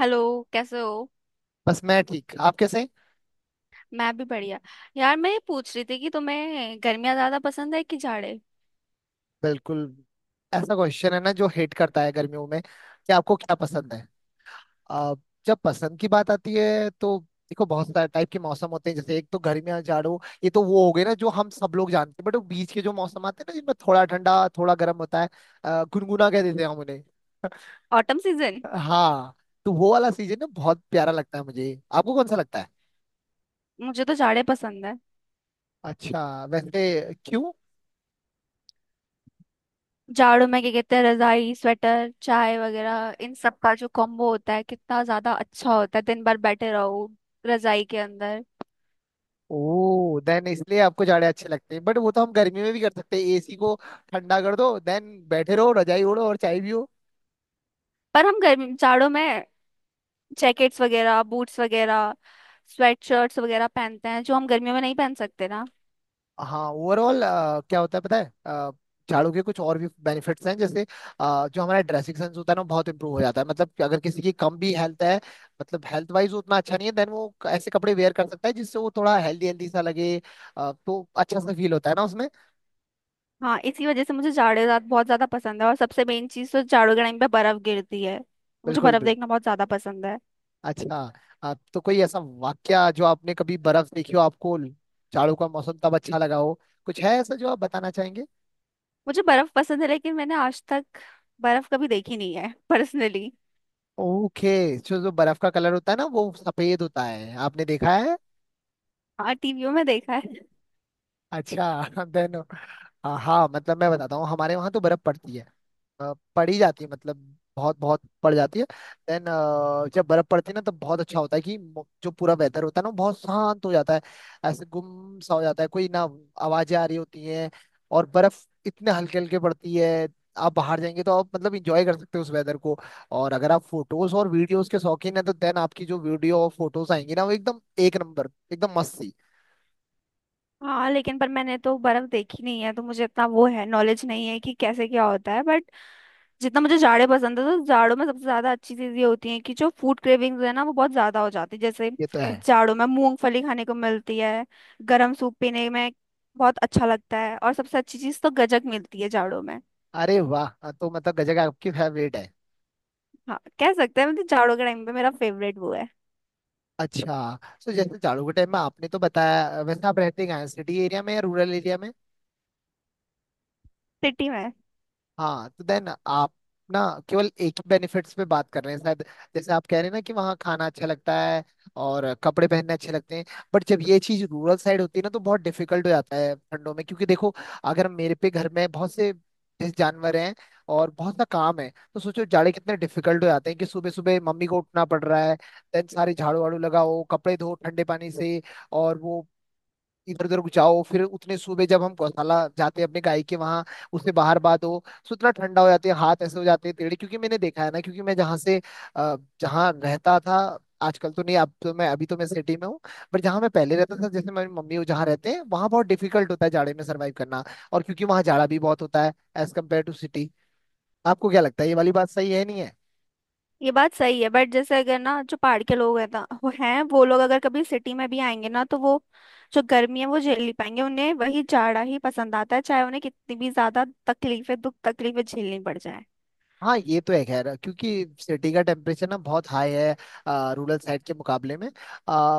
Hello. कैसे हो। बस मैं ठीक। आप कैसे? मैं भी बढ़िया। यार मैं ये पूछ रही थी कि तुम्हें गर्मियाँ ज्यादा पसंद है कि जाड़े। बिल्कुल ऐसा क्वेश्चन है ना, जो हेट करता है गर्मियों में कि आपको क्या पसंद है। आ, जब पसंद की बात आती है तो देखो बहुत सारे टाइप के मौसम होते हैं। जैसे एक तो गर्मियां जाड़ों, ये तो वो हो गए ना जो हम सब लोग जानते हैं। बट वो बीच के जो मौसम आते हैं ना, जिनमें थोड़ा ठंडा थोड़ा गर्म होता है, गुनगुना कह देते हैं हम उन्हें। Autumn season. हाँ, तो वो वाला सीजन ना बहुत प्यारा लगता है मुझे। आपको कौन सा लगता है? मुझे तो जाड़े पसंद है। अच्छा, वैसे क्यों? जाड़ों में क्या कहते हैं, रजाई स्वेटर चाय वगैरह इन सब का जो कॉम्बो होता है कितना ज्यादा अच्छा होता है। दिन भर बैठे रहो रजाई के अंदर। ओह, देन इसलिए आपको जाड़े अच्छे लगते हैं। बट वो तो हम गर्मी में भी कर सकते हैं। एसी को ठंडा कर दो, देन बैठे रहो, रजाई ओढ़ो और चाय भी हो। पर हम गर्मी जाड़ों में जैकेट्स वगैरह बूट्स वगैरह स्वेटशर्ट्स वगैरह पहनते हैं जो हम गर्मियों में नहीं पहन सकते ना। हाँ, ओवरऑल क्या होता है पता है झाड़ू के कुछ और भी बेनिफिट्स हैं। जैसे जो हमारा ड्रेसिंग सेंस होता है ना, बहुत इंप्रूव हो जाता है। मतलब कि अगर किसी की कम भी हेल्थ है, मतलब हेल्थ वाइज उतना अच्छा नहीं है, देन वो ऐसे कपड़े वेयर कर सकता है जिससे वो थोड़ा हेल्दी हेल्दी सा लगे। तो अच्छा सा फील होता है ना उसमें। हाँ, इसी वजह से मुझे जाड़े रात बहुत ज्यादा पसंद है और सबसे मेन चीज तो जाड़ों के टाइम पे बर्फ गिरती है। मुझे बिल्कुल। बर्फ देखना बहुत ज्यादा पसंद है। अच्छा, तो कोई ऐसा वाक्या जो आपने कभी बर्फ देखी हो, आपको जाड़ों का मौसम तब अच्छा लगा हो, कुछ है ऐसा जो आप बताना चाहेंगे? मुझे बर्फ पसंद है लेकिन मैंने आज तक बर्फ कभी देखी नहीं है पर्सनली। ओके, जो जो बर्फ का कलर होता है ना वो सफेद होता है। आपने देखा है? हाँ, टीवियों में देखा है। अच्छा देन हाँ, मतलब मैं बताता हूँ, हमारे वहाँ तो बर्फ पड़ती है। पड़ी जाती है मतलब, बहुत बहुत पड़ जाती है। देन जब बर्फ पड़ती है ना, तब बहुत अच्छा होता है कि जो पूरा वेदर होता है ना वो बहुत शांत हो जाता है। ऐसे गुम सा हो जाता है कोई ना, आवाजें आ रही होती हैं। और बर्फ इतने हल्के हल्के पड़ती है। आप बाहर जाएंगे तो आप मतलब इंजॉय कर सकते हो उस वेदर को। और अगर आप फोटोज और वीडियोस के शौकीन हैं तो देन आपकी जो वीडियो और फोटोज आएंगी ना, वो एकदम एक नंबर, एकदम मस्त सी। हाँ लेकिन पर मैंने तो बर्फ देखी नहीं है तो मुझे इतना वो है नॉलेज नहीं है कि कैसे क्या होता है। बट जितना मुझे जाड़े पसंद है तो जाड़ों में सबसे ज्यादा अच्छी चीज ये होती है कि जो फूड क्रेविंग्स है ना वो बहुत ज्यादा हो जाती है। जैसे ये तो है। जाड़ों में मूंगफली खाने को मिलती है, गर्म सूप पीने में बहुत अच्छा लगता है और सबसे अच्छी चीज तो गजक मिलती है जाड़ों में। अरे वाह, हाँ, तो मतलब गजब आपकी फेवरेट है। हाँ कह सकते हैं, मतलब जाड़ों के टाइम पे मेरा फेवरेट वो है। अच्छा, तो जैसे जाड़ों के टाइम में आपने तो बताया, वैसे आप रहते कहाँ हैं, सिटी एरिया में या रूरल एरिया में? सिटी में। हाँ, तो देन आप ना केवल एक ही बेनिफिट्स पे बात कर रहे हैं शायद। जैसे आप कह रहे हैं ना कि वहाँ खाना अच्छा लगता है और कपड़े पहनने अच्छे लगते हैं। बट जब ये चीज़ रूरल साइड होती है ना, तो बहुत डिफिकल्ट हो जाता है ठंडों में। क्योंकि देखो, अगर मेरे पे घर में बहुत से जैसे जानवर हैं और बहुत सा काम है, तो सोचो जाड़े कितने डिफिकल्ट हो जाते हैं कि सुबह सुबह मम्मी को उठना पड़ रहा है, देन सारे झाड़ू वाड़ू लगाओ, कपड़े धो ठंडे पानी से, और वो इधर उधर जाओ। फिर उतने सुबह जब हम गौशाला जाते हैं अपने गाय के वहां, उससे बाहर बात हो, सो इतना ठंडा हो जाते हैं हाथ, ऐसे हो जाते हैं टेढ़े। क्योंकि मैंने देखा है ना, क्योंकि मैं जहाँ से जहाँ रहता था, आजकल तो नहीं, अब तो मैं अभी तो मैं सिटी में हूँ। पर जहाँ मैं पहले रहता था, जैसे मेरी मम्मी वो जहाँ रहते हैं, वहाँ बहुत डिफिकल्ट होता है जाड़े में सर्वाइव करना। और क्योंकि वहाँ जाड़ा भी बहुत होता है एज कम्पेयर टू सिटी। आपको क्या लगता है, ये वाली बात सही है नहीं है? ये बात सही है बट जैसे अगर ना जो पहाड़ के लोग हैं ना वो लोग अगर कभी सिटी में भी आएंगे ना तो वो जो गर्मी है वो झेल नहीं पाएंगे, उन्हें वही जाड़ा ही पसंद आता है चाहे उन्हें कितनी भी ज्यादा तकलीफें दुख तकलीफें झेलनी पड़ जाए। हाँ, ये तो है खैर, क्योंकि सिटी का टेम्परेचर ना बहुत हाई है रूरल साइड के मुकाबले में।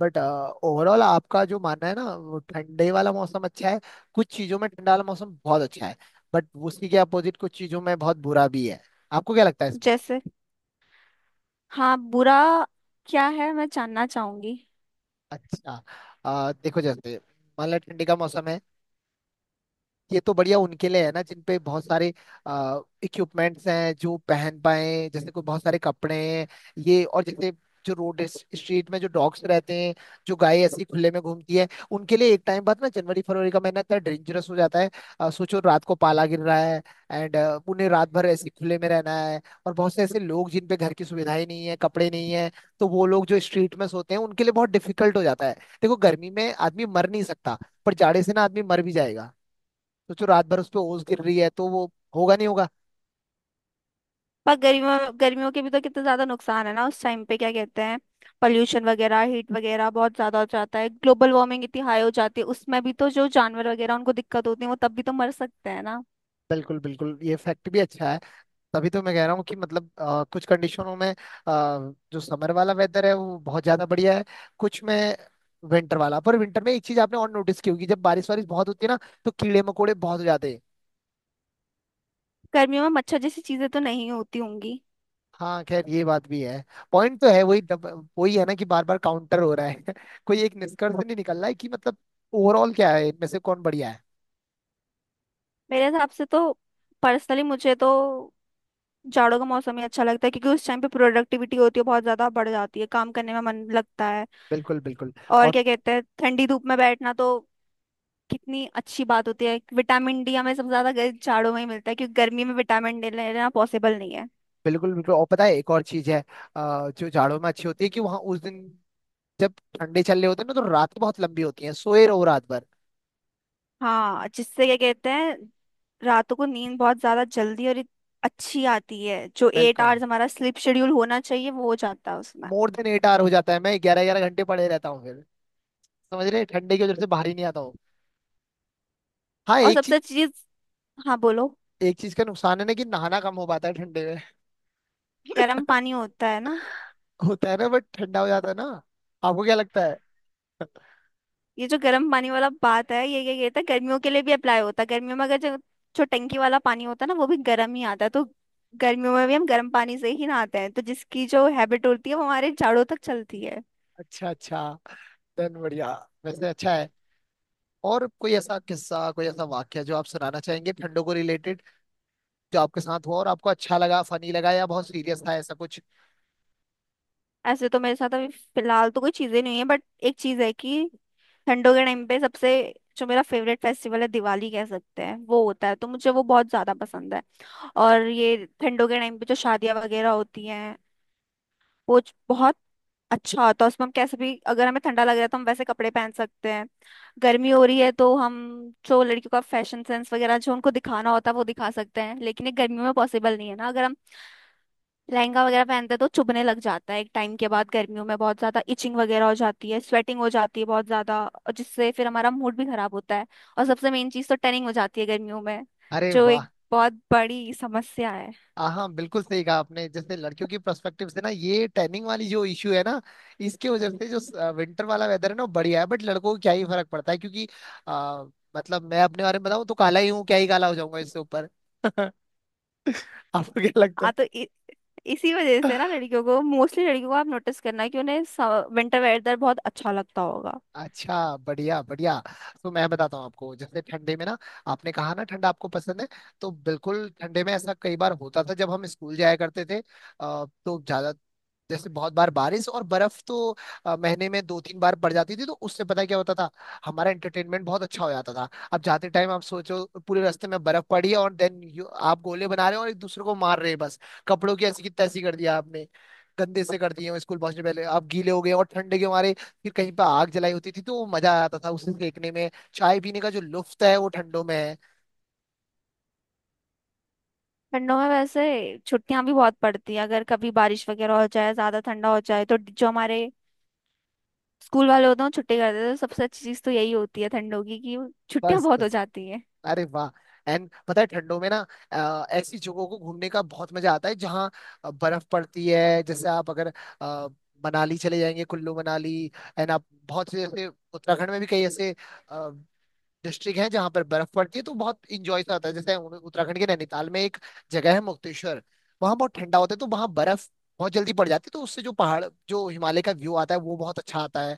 बट ओवरऑल आपका जो मानना है ना, वो ठंडे वाला मौसम अच्छा है। कुछ चीजों में ठंडा वाला मौसम बहुत अच्छा है, बट उसी के अपोजिट कुछ चीजों में बहुत बुरा भी है। आपको क्या लगता है इसमें? जैसे। हाँ, बुरा क्या है मैं जानना चाहूंगी। अच्छा, देखो जैसे मान लो ठंडी का मौसम है, ये तो बढ़िया उनके लिए है ना जिन पे बहुत सारे इक्विपमेंट्स हैं जो पहन पाए। जैसे कोई बहुत सारे कपड़े हैं ये, और जैसे जो रोड स्ट्रीट में जो डॉग्स रहते हैं, जो गाय ऐसी खुले में घूमती है, उनके लिए एक टाइम बाद ना जनवरी फरवरी का महीना इतना डेंजरस हो जाता है। सोचो रात को पाला गिर रहा है, एंड उन्हें रात भर ऐसे खुले में रहना है। और बहुत से ऐसे लोग जिन पे घर की सुविधाएं नहीं है, कपड़े नहीं है, तो वो लोग जो स्ट्रीट में सोते हैं, उनके लिए बहुत डिफिकल्ट हो जाता है। देखो, गर्मी में आदमी मर नहीं सकता, पर जाड़े से ना आदमी मर भी जाएगा। सोचो रात भर उस पर ओस गिर रही है तो वो होगा नहीं होगा। पर गर्मियों गर्मियों के भी तो कितना ज्यादा नुकसान है ना, उस टाइम पे क्या कहते हैं, पॉल्यूशन वगैरह हीट वगैरह बहुत ज्यादा हो जाता है, ग्लोबल वार्मिंग इतनी हाई हो जाती है, उसमें भी तो जो जानवर वगैरह उनको दिक्कत होती है, वो तब भी तो मर सकते हैं। बिल्कुल, बिल्कुल, ये फैक्ट भी अच्छा है। तभी तो मैं कह रहा हूँ कि मतलब कुछ कंडीशनों में जो समर वाला वेदर है वो बहुत ज्यादा बढ़िया है, कुछ में विंटर वाला। पर विंटर में एक चीज आपने और नोटिस की होगी, जब बारिश वारिश बहुत होती है ना, तो कीड़े मकोड़े बहुत हो जाते हैं। गर्मियों में मच्छर जैसी चीजें तो नहीं होती होंगी। हाँ खैर, ये बात भी है। पॉइंट तो है वही, वही है ना, कि बार बार काउंटर हो रहा है कोई एक निष्कर्ष नहीं निकल रहा है कि मतलब ओवरऑल क्या है, इनमें से कौन बढ़िया है। मेरे हिसाब से तो पर्सनली मुझे तो जाड़ों का मौसम ही अच्छा लगता है क्योंकि उस टाइम पे प्रोडक्टिविटी होती है, बहुत ज्यादा बढ़ जाती है, काम करने में मन लगता है। बिल्कुल, बिल्कुल। और क्या कहते हैं, ठंडी धूप में बैठना तो कितनी अच्छी बात होती है। विटामिन डी हमें सबसे ज्यादा जाड़ों में ही मिलता है क्योंकि गर्मी में विटामिन डी लेना पॉसिबल नहीं है। बिल्कुल, बिल्कुल। और पता है एक और चीज है जो जाड़ों में अच्छी होती है, कि वहां उस दिन जब ठंडे चल रहे होते हैं ना, तो रात बहुत लंबी होती है, सोए रहो रात भर। हाँ, जिससे क्या कहते हैं, रातों को नींद बहुत ज्यादा जल्दी और अच्छी आती है, जो एट बिल्कुल, आवर्स हमारा स्लीप शेड्यूल होना चाहिए वो हो जाता है उसमें। मोर देन एट आवर हो जाता है, मैं 11 11 घंटे पड़े रहता हूँ फिर। समझ रहे हैं? ठंडे की वजह से बाहर ही नहीं आता हूँ। हाँ, और सबसे अच्छी चीज। हाँ बोलो। एक चीज का नुकसान है ना कि नहाना कम हो पाता है ठंडे में। गर्म पानी होता है ना। होता है ना, बट ठंडा हो जाता है ना। आपको क्या लगता है? ये जो गर्म पानी वाला बात है ये था, गर्मियों के लिए भी अप्लाई होता है, गर्मियों में अगर जो जो टंकी वाला पानी होता है ना वो भी गर्म ही आता है, तो गर्मियों में भी हम गर्म पानी से ही नहाते हैं, तो जिसकी जो हैबिट होती है वो हमारे जाड़ों तक चलती है। अच्छा, अच्छा, देन बढ़िया। वैसे अच्छा है। और कोई ऐसा किस्सा, कोई ऐसा वाक्य जो आप सुनाना चाहेंगे ठंडों को रिलेटेड, जो आपके साथ हुआ और आपको अच्छा लगा, फनी लगा या बहुत सीरियस था, ऐसा कुछ? ऐसे तो मेरे साथ अभी फिलहाल तो कोई चीजें नहीं है, बट एक चीज है कि ठंडों के टाइम पे सबसे जो मेरा फेवरेट फेस्टिवल है दिवाली कह सकते हैं वो होता है, तो मुझे वो बहुत ज्यादा पसंद है। और ये ठंडों के टाइम पे जो शादियां वगैरह होती हैं वो बहुत अच्छा होता है, उसमें हम कैसे भी, अगर हमें ठंडा लग रहा है तो हम वैसे कपड़े पहन सकते हैं, गर्मी हो रही है तो हम जो लड़कियों का फैशन सेंस वगैरह जो उनको दिखाना होता है वो दिखा सकते हैं, लेकिन ये गर्मियों में पॉसिबल नहीं है ना। अगर हम लहंगा वगैरह पहनते हैं तो चुभने लग जाता है एक टाइम के बाद, गर्मियों में बहुत ज्यादा इचिंग वगैरह हो जाती है, स्वेटिंग हो जाती है बहुत ज्यादा, और जिससे फिर हमारा मूड भी खराब होता है। और सबसे मेन चीज तो टनिंग हो जाती है गर्मियों में, अरे जो वाह, एक बहुत बड़ी समस्या है। हाँ, बिल्कुल सही कहा आपने। जैसे लड़कियों की पर्सपेक्टिव से ना, ये टैनिंग वाली जो इश्यू है ना, इसके वजह से जो विंटर वाला वेदर है ना वो बढ़िया है। बट लड़कों को क्या ही फर्क पड़ता है, क्योंकि आ, मतलब मैं अपने बारे में बताऊं तो काला ही हूँ, क्या ही काला हो जाऊंगा इससे ऊपर। आपको क्या लगता है? हाँ तो इसी वजह से ना लड़कियों को, मोस्टली लड़कियों को, आप नोटिस करना कि उन्हें विंटर वेदर बहुत अच्छा लगता होगा। अच्छा, बढ़िया, बढ़िया। तो मैं बताता हूँ आपको, जैसे ठंडे में ना, आपने कहा ना ठंडा आपको पसंद है, तो बिल्कुल ठंडे में ऐसा कई बार होता था जब हम स्कूल जाया करते थे। तो ज्यादा जैसे बहुत बार बारिश और बर्फ तो महीने में 2 3 बार पड़ जाती थी। तो उससे पता है क्या होता था, हमारा एंटरटेनमेंट बहुत अच्छा हो जाता था। अब जाते टाइम आप सोचो, पूरे रास्ते में बर्फ पड़ी है और देन आप गोले बना रहे हो और एक दूसरे को मार रहे हैं बस, कपड़ों की ऐसी की तैसी कर दिया आपने, गंदे से कर दिए हो। स्कूल पहुंचने पहले आप गीले हो गए और ठंडे के मारे फिर कहीं पर आग जलाई होती थी, तो वो मजा आता था उसे देखने में। चाय पीने का जो लुफ्त है वो ठंडों में है। ठंडों में वैसे छुट्टियां भी बहुत पड़ती हैं, अगर कभी बारिश वगैरह हो जाए, ज्यादा ठंडा हो जाए तो जो हमारे स्कूल वाले होते हैं वो छुट्टी कर देते हैं, तो सबसे अच्छी चीज तो यही होती है ठंडों की कि छुट्टियां बस, बहुत हो बस, जाती हैं। अरे वाह। एंड पता है ठंडों में ना, ऐसी जगहों को घूमने का बहुत मजा आता है जहाँ बर्फ पड़ती है। जैसे आप अगर अ, मनाली चले जाएंगे, कुल्लू मनाली, एंड आप बहुत से जैसे उत्तराखंड में भी कई ऐसे डिस्ट्रिक्ट है जहाँ पर बर्फ पड़ती है, तो बहुत इंजॉय सा आता है। जैसे उत्तराखंड के नैनीताल में एक जगह है मुक्तेश्वर, वहाँ बहुत ठंडा होता है, तो वहाँ बर्फ बहुत जल्दी पड़ जाती है। तो उससे जो पहाड़, जो हिमालय का व्यू आता है वो बहुत अच्छा आता है।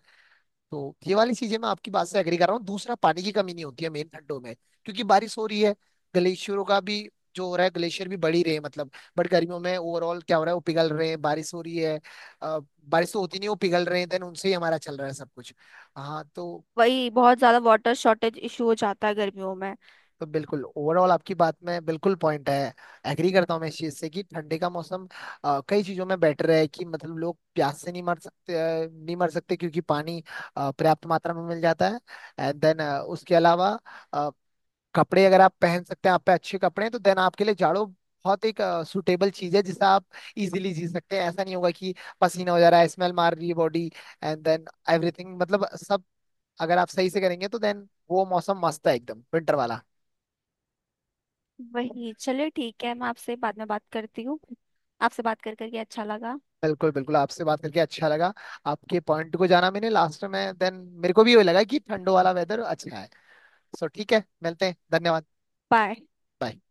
तो ये वाली चीजें मैं आपकी बात से एग्री कर रहा हूँ। दूसरा, पानी की कमी नहीं होती है मेन ठंडों में, क्योंकि बारिश हो रही है, ग्लेशियरों का भी जो हो रहा है, ग्लेशियर भी बढ़ ही रहे हैं मतलब। बट गर्मियों में ओवरऑल क्या हो रहा है, वो पिघल रहे हैं, बारिश हो रही है, अ, बारिश तो होती नहीं, वो पिघल रहे हैं, देन उनसे ही हमारा चल रहा है सब कुछ। हाँ, वही बहुत ज्यादा वाटर शॉर्टेज इशू हो जाता है गर्मियों में। तो बिल्कुल, ओवरऑल आपकी बात में बिल्कुल पॉइंट है। एग्री करता हूँ मैं इस चीज से कि ठंडी का मौसम कई चीजों में बेटर है। कि मतलब लोग प्यास से नहीं मर सकते, नहीं मर सकते क्योंकि पानी पर्याप्त मात्रा में मिल जाता है। एंड देन उसके अलावा, अ, कपड़े अगर आप पहन सकते हैं, आप पे अच्छे कपड़े हैं, तो देन आपके लिए जाड़ों बहुत एक सुटेबल चीज है, जिसे आप इजीली जी सकते हैं। ऐसा नहीं होगा कि पसीना हो जा रहा है, स्मेल मार रही है बॉडी। एंड देन एवरीथिंग, मतलब सब अगर आप सही से करेंगे, तो देन वो मौसम मस्त है एकदम, विंटर वाला। वही, चलिए ठीक है, मैं आपसे बाद में बात करती हूँ। आपसे बात कर करके अच्छा लगा। बिल्कुल, बिल्कुल, आपसे बात करके अच्छा लगा। आपके पॉइंट को जाना मैंने लास्ट में, देन मेरे को भी ये लगा कि ठंडो वाला वेदर अच्छा है। सो ठीक है, मिलते हैं, धन्यवाद। बाय। Bye.